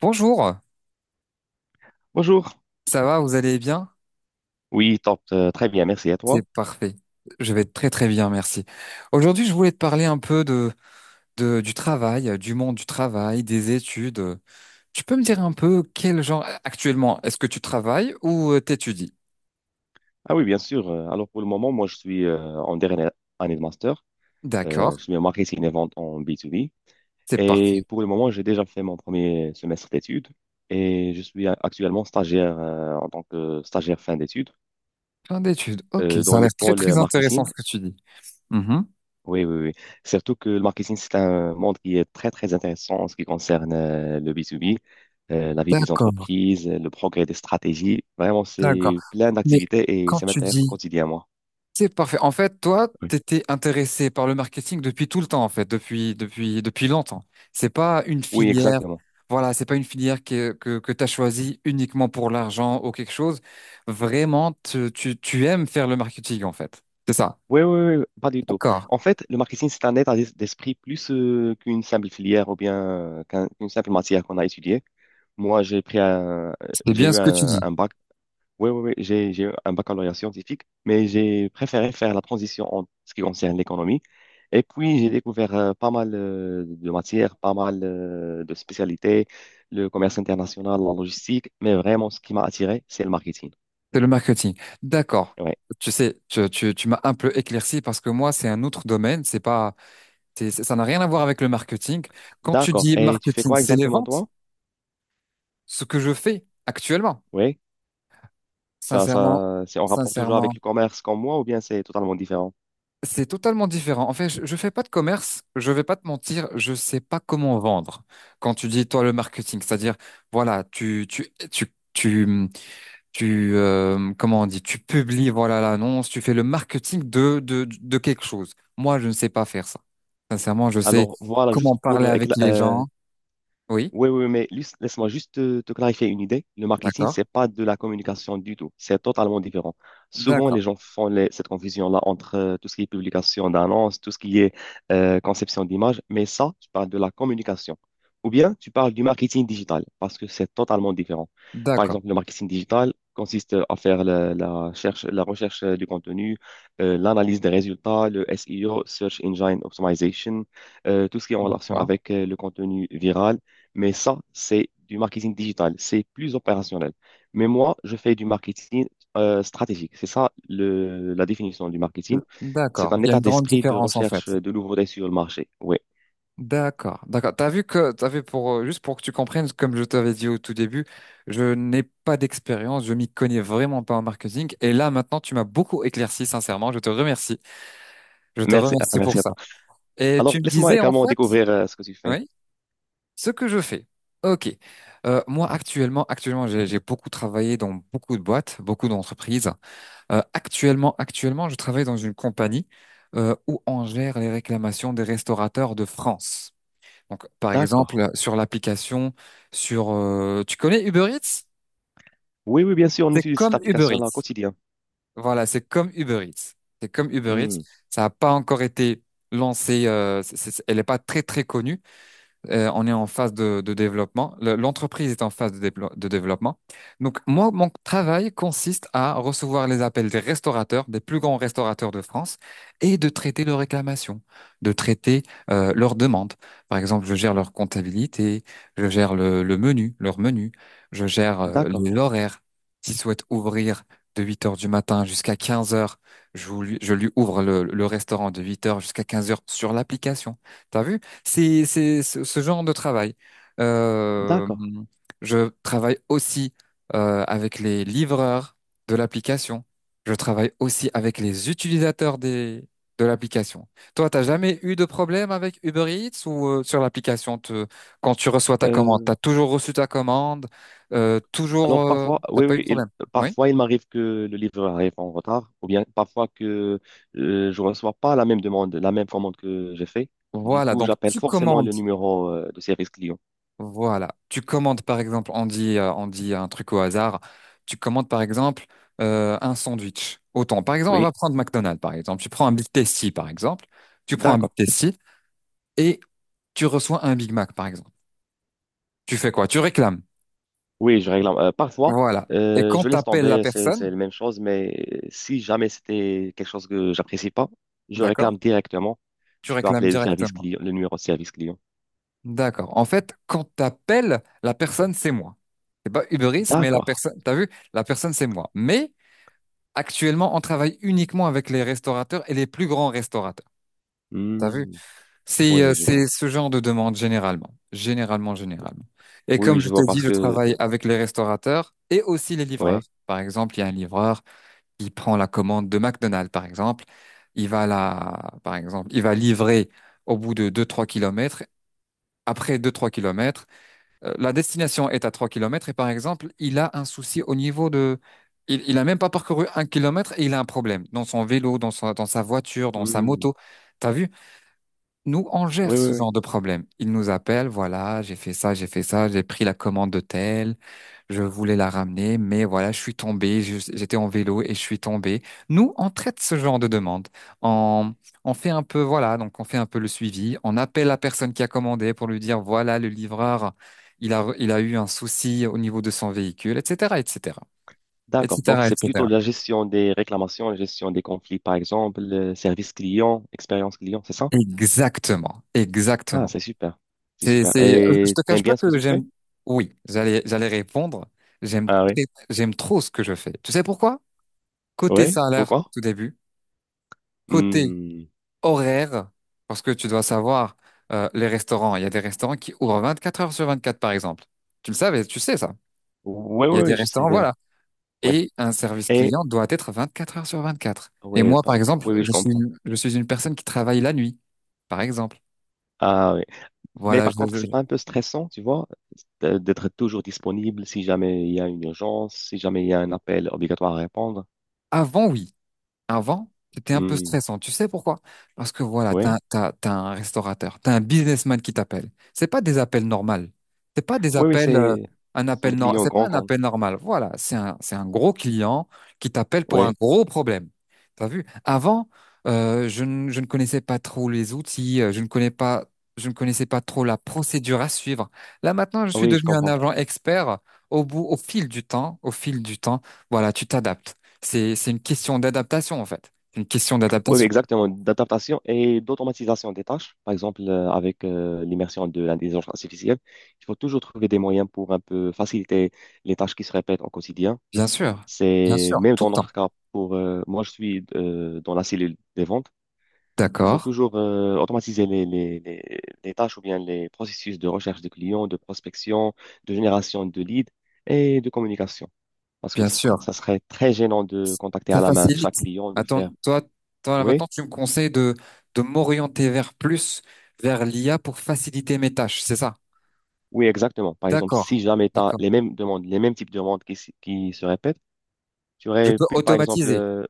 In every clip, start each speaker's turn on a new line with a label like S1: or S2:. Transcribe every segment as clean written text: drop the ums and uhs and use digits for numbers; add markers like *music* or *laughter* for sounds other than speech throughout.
S1: Bonjour,
S2: Bonjour.
S1: ça va, vous allez bien?
S2: Oui, top. Très bien, merci à
S1: C'est
S2: toi.
S1: parfait. Je vais très très bien, merci. Aujourd'hui, je voulais te parler un peu du travail, du monde du travail, des études. Tu peux me dire un peu quel genre actuellement, est-ce que tu travailles ou t'étudies?
S2: Ah oui, bien sûr. Alors pour le moment, moi je suis en dernière année de master.
S1: D'accord,
S2: Je suis en marketing et vente en B2B.
S1: c'est
S2: Et
S1: parti.
S2: pour le moment, j'ai déjà fait mon premier semestre d'études et je suis actuellement stagiaire en tant que stagiaire fin d'études
S1: Plein d'études. Ok,
S2: dans
S1: ça a
S2: le
S1: l'air très très
S2: pôle
S1: intéressant
S2: marketing.
S1: ce que tu dis. Mhm.
S2: Oui, oui, oui. Surtout que le marketing, c'est un monde qui est très, très intéressant en ce qui concerne le B2B, la vie des
S1: D'accord,
S2: entreprises, le progrès des stratégies. Vraiment,
S1: d'accord.
S2: c'est plein
S1: Mais
S2: d'activités et
S1: quand
S2: ça
S1: tu
S2: m'intéresse au
S1: dis
S2: quotidien, moi.
S1: c'est parfait. En fait, toi,
S2: Oui.
S1: t'étais intéressé par le marketing depuis tout le temps, en fait, depuis longtemps. C'est pas une
S2: Oui,
S1: filière,
S2: exactement.
S1: voilà, c'est pas une filière que t'as choisie uniquement pour l'argent ou quelque chose. Vraiment, tu aimes faire le marketing, en fait. C'est ça.
S2: Oui, oui, oui, oui, pas du tout.
S1: D'accord.
S2: En fait, le marketing, c'est un état d'esprit plus qu'une simple filière ou bien qu'une simple matière qu'on a étudiée. Moi, j'ai pris
S1: C'est
S2: j'ai
S1: bien
S2: eu
S1: ce que tu dis.
S2: un bac. Oui, oui, oui, j'ai eu un baccalauréat scientifique, mais j'ai préféré faire la transition en ce qui concerne l'économie. Et puis, j'ai découvert pas mal de matières, pas mal de spécialités, le commerce international, la logistique, mais vraiment, ce qui m'a attiré, c'est le marketing.
S1: C'est le marketing. D'accord.
S2: Ouais.
S1: Tu sais, tu m'as un peu éclairci parce que moi, c'est un autre domaine. C'est pas, ça n'a rien à voir avec le marketing. Quand tu
S2: D'accord.
S1: dis
S2: Et tu fais
S1: marketing,
S2: quoi
S1: c'est les
S2: exactement,
S1: ventes,
S2: toi?
S1: ce que je fais actuellement.
S2: Oui. Ça,
S1: Sincèrement,
S2: ça, c'est en rapport toujours avec
S1: sincèrement,
S2: le commerce comme moi ou bien c'est totalement différent?
S1: c'est totalement différent. En fait, je fais pas de commerce, je vais pas te mentir, je sais pas comment vendre. Quand tu dis toi le marketing, c'est-à-dire voilà, tu tu tu tu tu comment on dit, tu publies voilà l'annonce, tu fais le marketing de quelque chose. Moi, je ne sais pas faire ça. Sincèrement, je sais
S2: Alors, voilà,
S1: comment
S2: juste
S1: parler
S2: pour
S1: avec les gens. Oui,
S2: oui, oui, mais laisse-moi juste te, te clarifier une idée. Le marketing,
S1: d'accord,
S2: c'est pas de la communication du tout. C'est totalement différent. Souvent,
S1: d'accord,
S2: les gens font cette confusion-là entre tout ce qui est publication d'annonces, tout ce qui est conception d'images. Mais ça, tu parles de la communication. Ou bien, tu parles du marketing digital, parce que c'est totalement différent. Par
S1: d'accord,
S2: exemple, le marketing digital consiste à faire la, la recherche du contenu, l'analyse des résultats, le SEO, Search Engine Optimization, tout ce qui est en relation
S1: d'accord,
S2: avec le contenu viral, mais ça, c'est du marketing digital, c'est plus opérationnel. Mais moi, je fais du marketing stratégique. C'est ça le, la définition du marketing. C'est
S1: d'accord.
S2: un
S1: Il y a
S2: état
S1: une grande
S2: d'esprit de
S1: différence en
S2: recherche
S1: fait.
S2: de nouveautés sur le marché. Oui,
S1: D'accord, d'accord. T'as vu que, t'as vu pour, juste pour que tu comprennes, comme je t'avais dit au tout début, je n'ai pas d'expérience, je m'y connais vraiment pas en marketing. Et là, maintenant, tu m'as beaucoup éclairci, sincèrement. Je te remercie. Je te
S2: merci,
S1: remercie pour
S2: merci à
S1: ça.
S2: toi.
S1: Et
S2: Alors,
S1: tu me
S2: laisse-moi
S1: disais, en
S2: également
S1: fait,
S2: découvrir ce que tu fais.
S1: oui, ce que je fais. Ok. Moi, actuellement, j'ai beaucoup travaillé dans beaucoup de boîtes, beaucoup d'entreprises. Actuellement, je travaille dans une compagnie, où on gère les réclamations des restaurateurs de France. Donc, par
S2: D'accord.
S1: exemple, sur l'application, tu connais Uber Eats?
S2: Oui, oui, bien sûr, on
S1: C'est
S2: utilise cette
S1: comme Uber
S2: application-là au
S1: Eats.
S2: quotidien.
S1: Voilà, c'est comme Uber Eats. C'est comme Uber Eats.
S2: Hmm.
S1: Ça n'a pas encore été lancé. Elle n'est pas très très connue, on est en phase de développement. L'entreprise est en phase de développement. Donc, moi, mon travail consiste à recevoir les appels des restaurateurs, des plus grands restaurateurs de France, et de traiter leurs réclamations, de traiter leurs demandes. Par exemple, je gère leur comptabilité, je gère le menu, leur menu, je gère
S2: D'accord,
S1: les horaires. S'ils souhaitent ouvrir de 8 h heures du matin jusqu'à 15 h heures, je lui ouvre le restaurant de 8 h heures jusqu'à 15 h heures sur l'application. T'as vu? C'est ce genre de travail. Euh,
S2: d'accord.
S1: je travaille aussi avec les livreurs de l'application. Je travaille aussi avec les utilisateurs de l'application. Toi, t'as jamais eu de problème avec Uber Eats ou sur l'application, quand tu reçois ta commande,
S2: Euh,
S1: t'as toujours reçu ta commande,
S2: alors
S1: toujours,
S2: parfois,
S1: t'as
S2: oui,
S1: pas eu de
S2: oui,
S1: problème. Oui.
S2: parfois il m'arrive que le livreur arrive en retard, ou bien parfois que je ne reçois pas la même demande, la même commande que j'ai fait. Du
S1: Voilà.
S2: coup,
S1: Donc,
S2: j'appelle
S1: tu
S2: forcément
S1: commandes.
S2: le numéro de service client.
S1: Voilà. Tu commandes par exemple, on dit un truc au hasard. Tu commandes par exemple un sandwich. Autant. Par exemple, on va
S2: Oui,
S1: prendre McDonald's par exemple. Tu prends un Big Tasty par exemple. Tu prends un Big
S2: d'accord.
S1: Tasty et tu reçois un Big Mac par exemple. Tu fais quoi? Tu réclames.
S2: Oui, je réclame. Parfois,
S1: Voilà. Et quand
S2: je laisse
S1: t'appelles la
S2: tomber, c'est
S1: personne,
S2: c'est la même chose, mais si jamais c'était quelque chose que j'apprécie pas, je
S1: d'accord?
S2: réclame directement.
S1: Tu
S2: Je peux
S1: réclames
S2: appeler le service
S1: directement.
S2: client, le numéro de service client.
S1: D'accord. En fait, quand t'appelles la personne, c'est moi. C'est pas Uber Eats, mais la
S2: D'accord.
S1: personne, t'as vu, la personne, c'est moi. Mais actuellement, on travaille uniquement avec les restaurateurs et les plus grands restaurateurs. T'as vu?
S2: Hmm.
S1: C'est
S2: Oui,
S1: euh,
S2: oui, je
S1: c'est
S2: vois.
S1: ce genre de demande généralement. Et
S2: Oui,
S1: comme
S2: oui,
S1: je
S2: je
S1: t'ai
S2: vois
S1: dit,
S2: parce
S1: je
S2: que,
S1: travaille avec les restaurateurs et aussi les livreurs.
S2: ouais.
S1: Par exemple, il y a un livreur qui prend la commande de McDonald's, par exemple. Il va la, par exemple, il va livrer au bout de deux trois kilomètres. Après deux trois kilomètres, la destination est à 3 km et par exemple, il a un souci au niveau de... Il a même pas parcouru un kilomètre et il a un problème dans son vélo, dans sa voiture, dans sa
S2: Hmm.
S1: moto. T'as vu? Nous, on
S2: Oui,
S1: gère ce
S2: oui, oui.
S1: genre de problème. Ils nous appellent, voilà, j'ai fait ça, j'ai fait ça, j'ai pris la commande de tel, je voulais la ramener, mais voilà, je suis tombé, j'étais en vélo et je suis tombé. Nous, on traite ce genre de demande. On, on fait un peu, voilà, donc on fait un peu le suivi. On appelle la personne qui a commandé pour lui dire, voilà, le livreur, il a eu un souci au niveau de son véhicule, etc., etc.,
S2: D'accord. Donc,
S1: etc.,
S2: c'est plutôt
S1: etc.
S2: la gestion des réclamations, la gestion des conflits, par exemple, le service client, expérience client, c'est ça?
S1: Exactement,
S2: Ah,
S1: exactement.
S2: c'est super. C'est super.
S1: Je
S2: Et
S1: te cache
S2: t'aimes
S1: pas
S2: bien ce que
S1: que
S2: tu fais?
S1: j'aime. Oui, j'allais répondre. J'aime,
S2: Ah oui.
S1: J'aime trop ce que je fais. Tu sais pourquoi? Côté
S2: Oui?
S1: salaire,
S2: Pourquoi?
S1: tout début. Côté
S2: Hmm.
S1: horaire, parce que tu dois savoir, les restaurants. Il y a des restaurants qui ouvrent 24 heures sur 24, par exemple. Tu le savais, tu sais ça.
S2: Oui,
S1: Il y
S2: oui,
S1: a des
S2: oui, je sais
S1: restaurants,
S2: déjà.
S1: voilà.
S2: Ouais.
S1: Et un service
S2: Et
S1: client doit être 24 heures sur 24. Et
S2: ouais,
S1: moi, par exemple,
S2: oui, oui, je comprends.
S1: je suis une personne qui travaille la nuit, par exemple.
S2: Ah oui. Mais
S1: Voilà,
S2: par contre, c'est pas un peu stressant, tu vois, d'être toujours disponible si jamais il y a une urgence, si jamais il y a un appel obligatoire à répondre.
S1: avant, oui. Avant, c'était un peu
S2: Hmm.
S1: stressant. Tu sais pourquoi? Parce que voilà, t'as,
S2: Oui.
S1: t'as, t'as un restaurateur, t'as un businessman qui t'appelle. C'est pas des appels normaux. C'est pas des
S2: Oui, oui,
S1: appels,
S2: c'est
S1: un
S2: ce sont
S1: appel
S2: des
S1: nor-
S2: clients
S1: c'est pas
S2: grands
S1: un appel
S2: comptes.
S1: normal. Voilà, c'est un gros client qui t'appelle pour un
S2: Oui.
S1: gros problème. T'as vu? Avant, je ne connaissais pas trop les outils, je ne connais pas, je ne connaissais pas trop la procédure à suivre. Là, maintenant, je
S2: Ah
S1: suis
S2: oui, je
S1: devenu un
S2: comprends.
S1: agent expert au fil du temps, au fil du temps. Voilà, tu t'adaptes. C'est une question d'adaptation, en fait. C'est une question
S2: Oui, oui,
S1: d'adaptation.
S2: exactement, d'adaptation et d'automatisation des tâches. Par exemple, avec l'immersion de l'intelligence artificielle, il faut toujours trouver des moyens pour un peu faciliter les tâches qui se répètent au quotidien.
S1: Bien sûr. Bien
S2: C'est
S1: sûr.
S2: même
S1: Tout
S2: dans
S1: le temps.
S2: notre cas, pour moi, je suis dans la cellule des ventes. Il faut
S1: D'accord.
S2: toujours automatiser les tâches ou bien les processus de recherche de clients, de prospection, de génération de leads et de communication. Parce que
S1: Bien sûr.
S2: ça serait très gênant de contacter
S1: Ça
S2: à la main
S1: facilite.
S2: chaque client, de
S1: Attends,
S2: faire.
S1: toi, là,
S2: Oui.
S1: maintenant, tu me conseilles de m'orienter vers l'IA pour faciliter mes tâches. C'est ça?
S2: Oui, exactement. Par exemple,
S1: D'accord.
S2: si jamais tu as
S1: D'accord.
S2: les mêmes demandes, les mêmes types de demandes qui se répètent, tu
S1: Je
S2: aurais
S1: peux
S2: pu, par exemple,
S1: automatiser.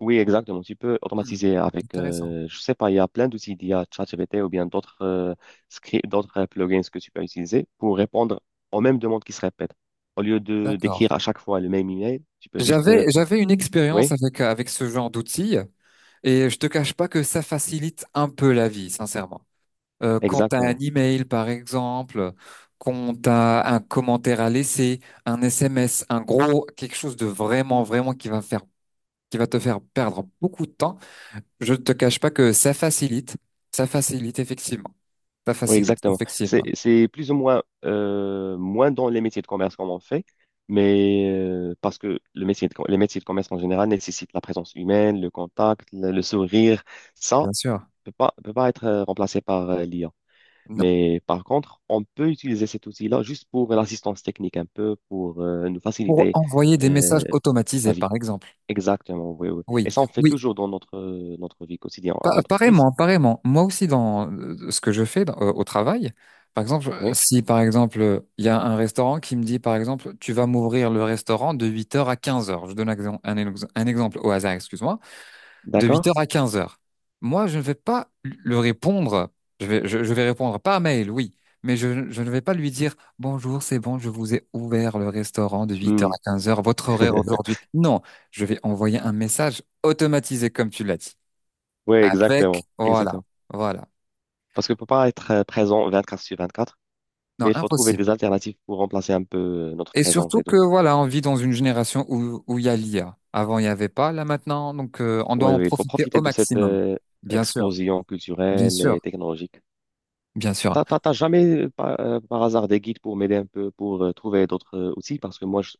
S2: oui, exactement, tu peux
S1: Hmm,
S2: automatiser avec,
S1: intéressant.
S2: je sais pas, il y a plein d'outils d'I a ChatGPT ou bien d'autres scripts, d'autres plugins que tu peux utiliser pour répondre aux mêmes demandes qui se répètent. Au lieu de
S1: D'accord.
S2: d'écrire à chaque fois le même email, tu peux juste,
S1: J'avais une expérience
S2: oui,
S1: avec, avec ce genre d'outils et je te cache pas que ça facilite un peu la vie, sincèrement. Quand tu as un
S2: exactement.
S1: email par exemple, quand tu as un commentaire à laisser, un SMS, un gros quelque chose de vraiment vraiment qui va faire qui va te faire perdre beaucoup de temps, je ne te cache pas que ça facilite effectivement. Ça
S2: Oui,
S1: facilite
S2: exactement.
S1: effectivement.
S2: C'est plus ou moins moins dans les métiers de commerce comme on fait, mais parce que le métier les métiers de commerce en général nécessitent la présence humaine, le contact, le sourire. Ça
S1: Bien sûr.
S2: peut pas être remplacé par l'IA.
S1: Non.
S2: Mais par contre, on peut utiliser cet outil-là juste pour l'assistance technique un peu, pour nous
S1: Pour
S2: faciliter
S1: envoyer des messages
S2: euh, la
S1: automatisés
S2: vie.
S1: par exemple.
S2: Exactement, oui, oui.
S1: Oui,
S2: Et ça, on fait
S1: oui.
S2: toujours dans notre, notre vie quotidienne à l'entreprise.
S1: Pareillement, pareillement. Moi aussi, dans ce que je fais au travail, par exemple,
S2: Oui,
S1: si par exemple, il y a un restaurant qui me dit, par exemple, tu vas m'ouvrir le restaurant de 8 h à 15 h. Je donne un exemple au hasard, excuse-moi, de 8 h
S2: d'accord?
S1: à 15 h. Moi, je ne vais pas le répondre, je vais répondre par mail, oui, mais je ne vais pas lui dire, bonjour, c'est bon, je vous ai ouvert le restaurant de 8 h
S2: Hmm.
S1: à 15 h, votre horaire
S2: *laughs*
S1: aujourd'hui. Non, je vais envoyer un message automatisé, comme tu l'as dit.
S2: Oui,
S1: Avec,
S2: exactement,
S1: voilà,
S2: exactement.
S1: voilà.
S2: Parce que ne peut pas être présent 24 sur 24,
S1: Non,
S2: mais il faut trouver
S1: impossible.
S2: des alternatives pour remplacer un peu notre
S1: Et
S2: présence
S1: surtout
S2: et
S1: que,
S2: tout.
S1: voilà, on vit dans une génération où, où il y a l'IA. Avant, il n'y avait pas, là maintenant, donc on doit
S2: Oui,
S1: en
S2: oui, il faut
S1: profiter au
S2: profiter de cette
S1: maximum. Bien sûr,
S2: explosion
S1: bien
S2: culturelle et
S1: sûr,
S2: technologique.
S1: bien sûr.
S2: T'as, t'as, t'as jamais, par hasard, des guides pour m'aider un peu, pour trouver d'autres outils? Parce que moi,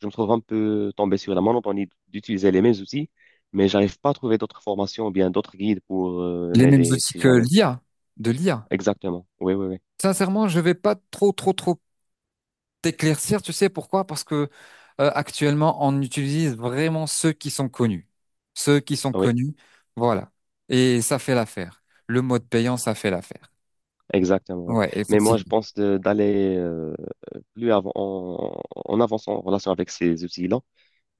S2: je me trouve un peu tombé sur la monotonie d'utiliser les mêmes outils, mais j'arrive pas à trouver d'autres formations ou bien d'autres guides pour
S1: Les mêmes
S2: m'aider,
S1: outils
S2: si jamais.
S1: de l'IA.
S2: Exactement. Oui, oui, oui.
S1: Sincèrement, je vais pas trop, trop, trop t'éclaircir, tu sais pourquoi? Parce que actuellement, on utilise vraiment ceux qui sont connus. Ceux qui sont connus, voilà. Et ça fait l'affaire. Le mode payant, ça fait l'affaire.
S2: Exactement, oui.
S1: Ouais,
S2: Mais moi,
S1: effectivement.
S2: je pense d'aller plus avant, en, en avançant en relation avec ces outils-là.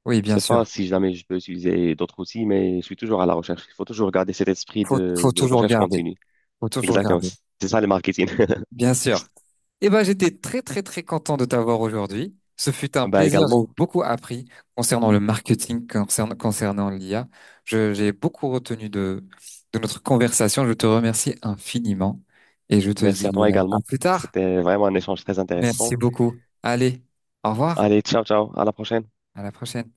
S1: Oui,
S2: Je
S1: bien
S2: sais pas
S1: sûr.
S2: si jamais je peux utiliser d'autres outils, mais je suis toujours à la recherche. Il faut toujours garder cet esprit
S1: faut, faut
S2: de
S1: toujours
S2: recherche
S1: garder.
S2: continue.
S1: Faut toujours
S2: Exactement.
S1: garder.
S2: C'est ça le marketing. *laughs*
S1: Bien sûr. Eh ben, j'étais très, très, très content de t'avoir aujourd'hui. Ce fut un
S2: Ben
S1: plaisir. J'ai
S2: également,
S1: beaucoup appris concernant le marketing, concernant l'IA. J'ai beaucoup retenu de notre conversation. Je te remercie infiniment et je te
S2: merci à
S1: dis
S2: toi
S1: à
S2: également.
S1: plus tard.
S2: C'était vraiment un échange très
S1: Merci
S2: intéressant.
S1: beaucoup. Allez, au revoir.
S2: Allez, ciao, ciao. À la prochaine.
S1: À la prochaine.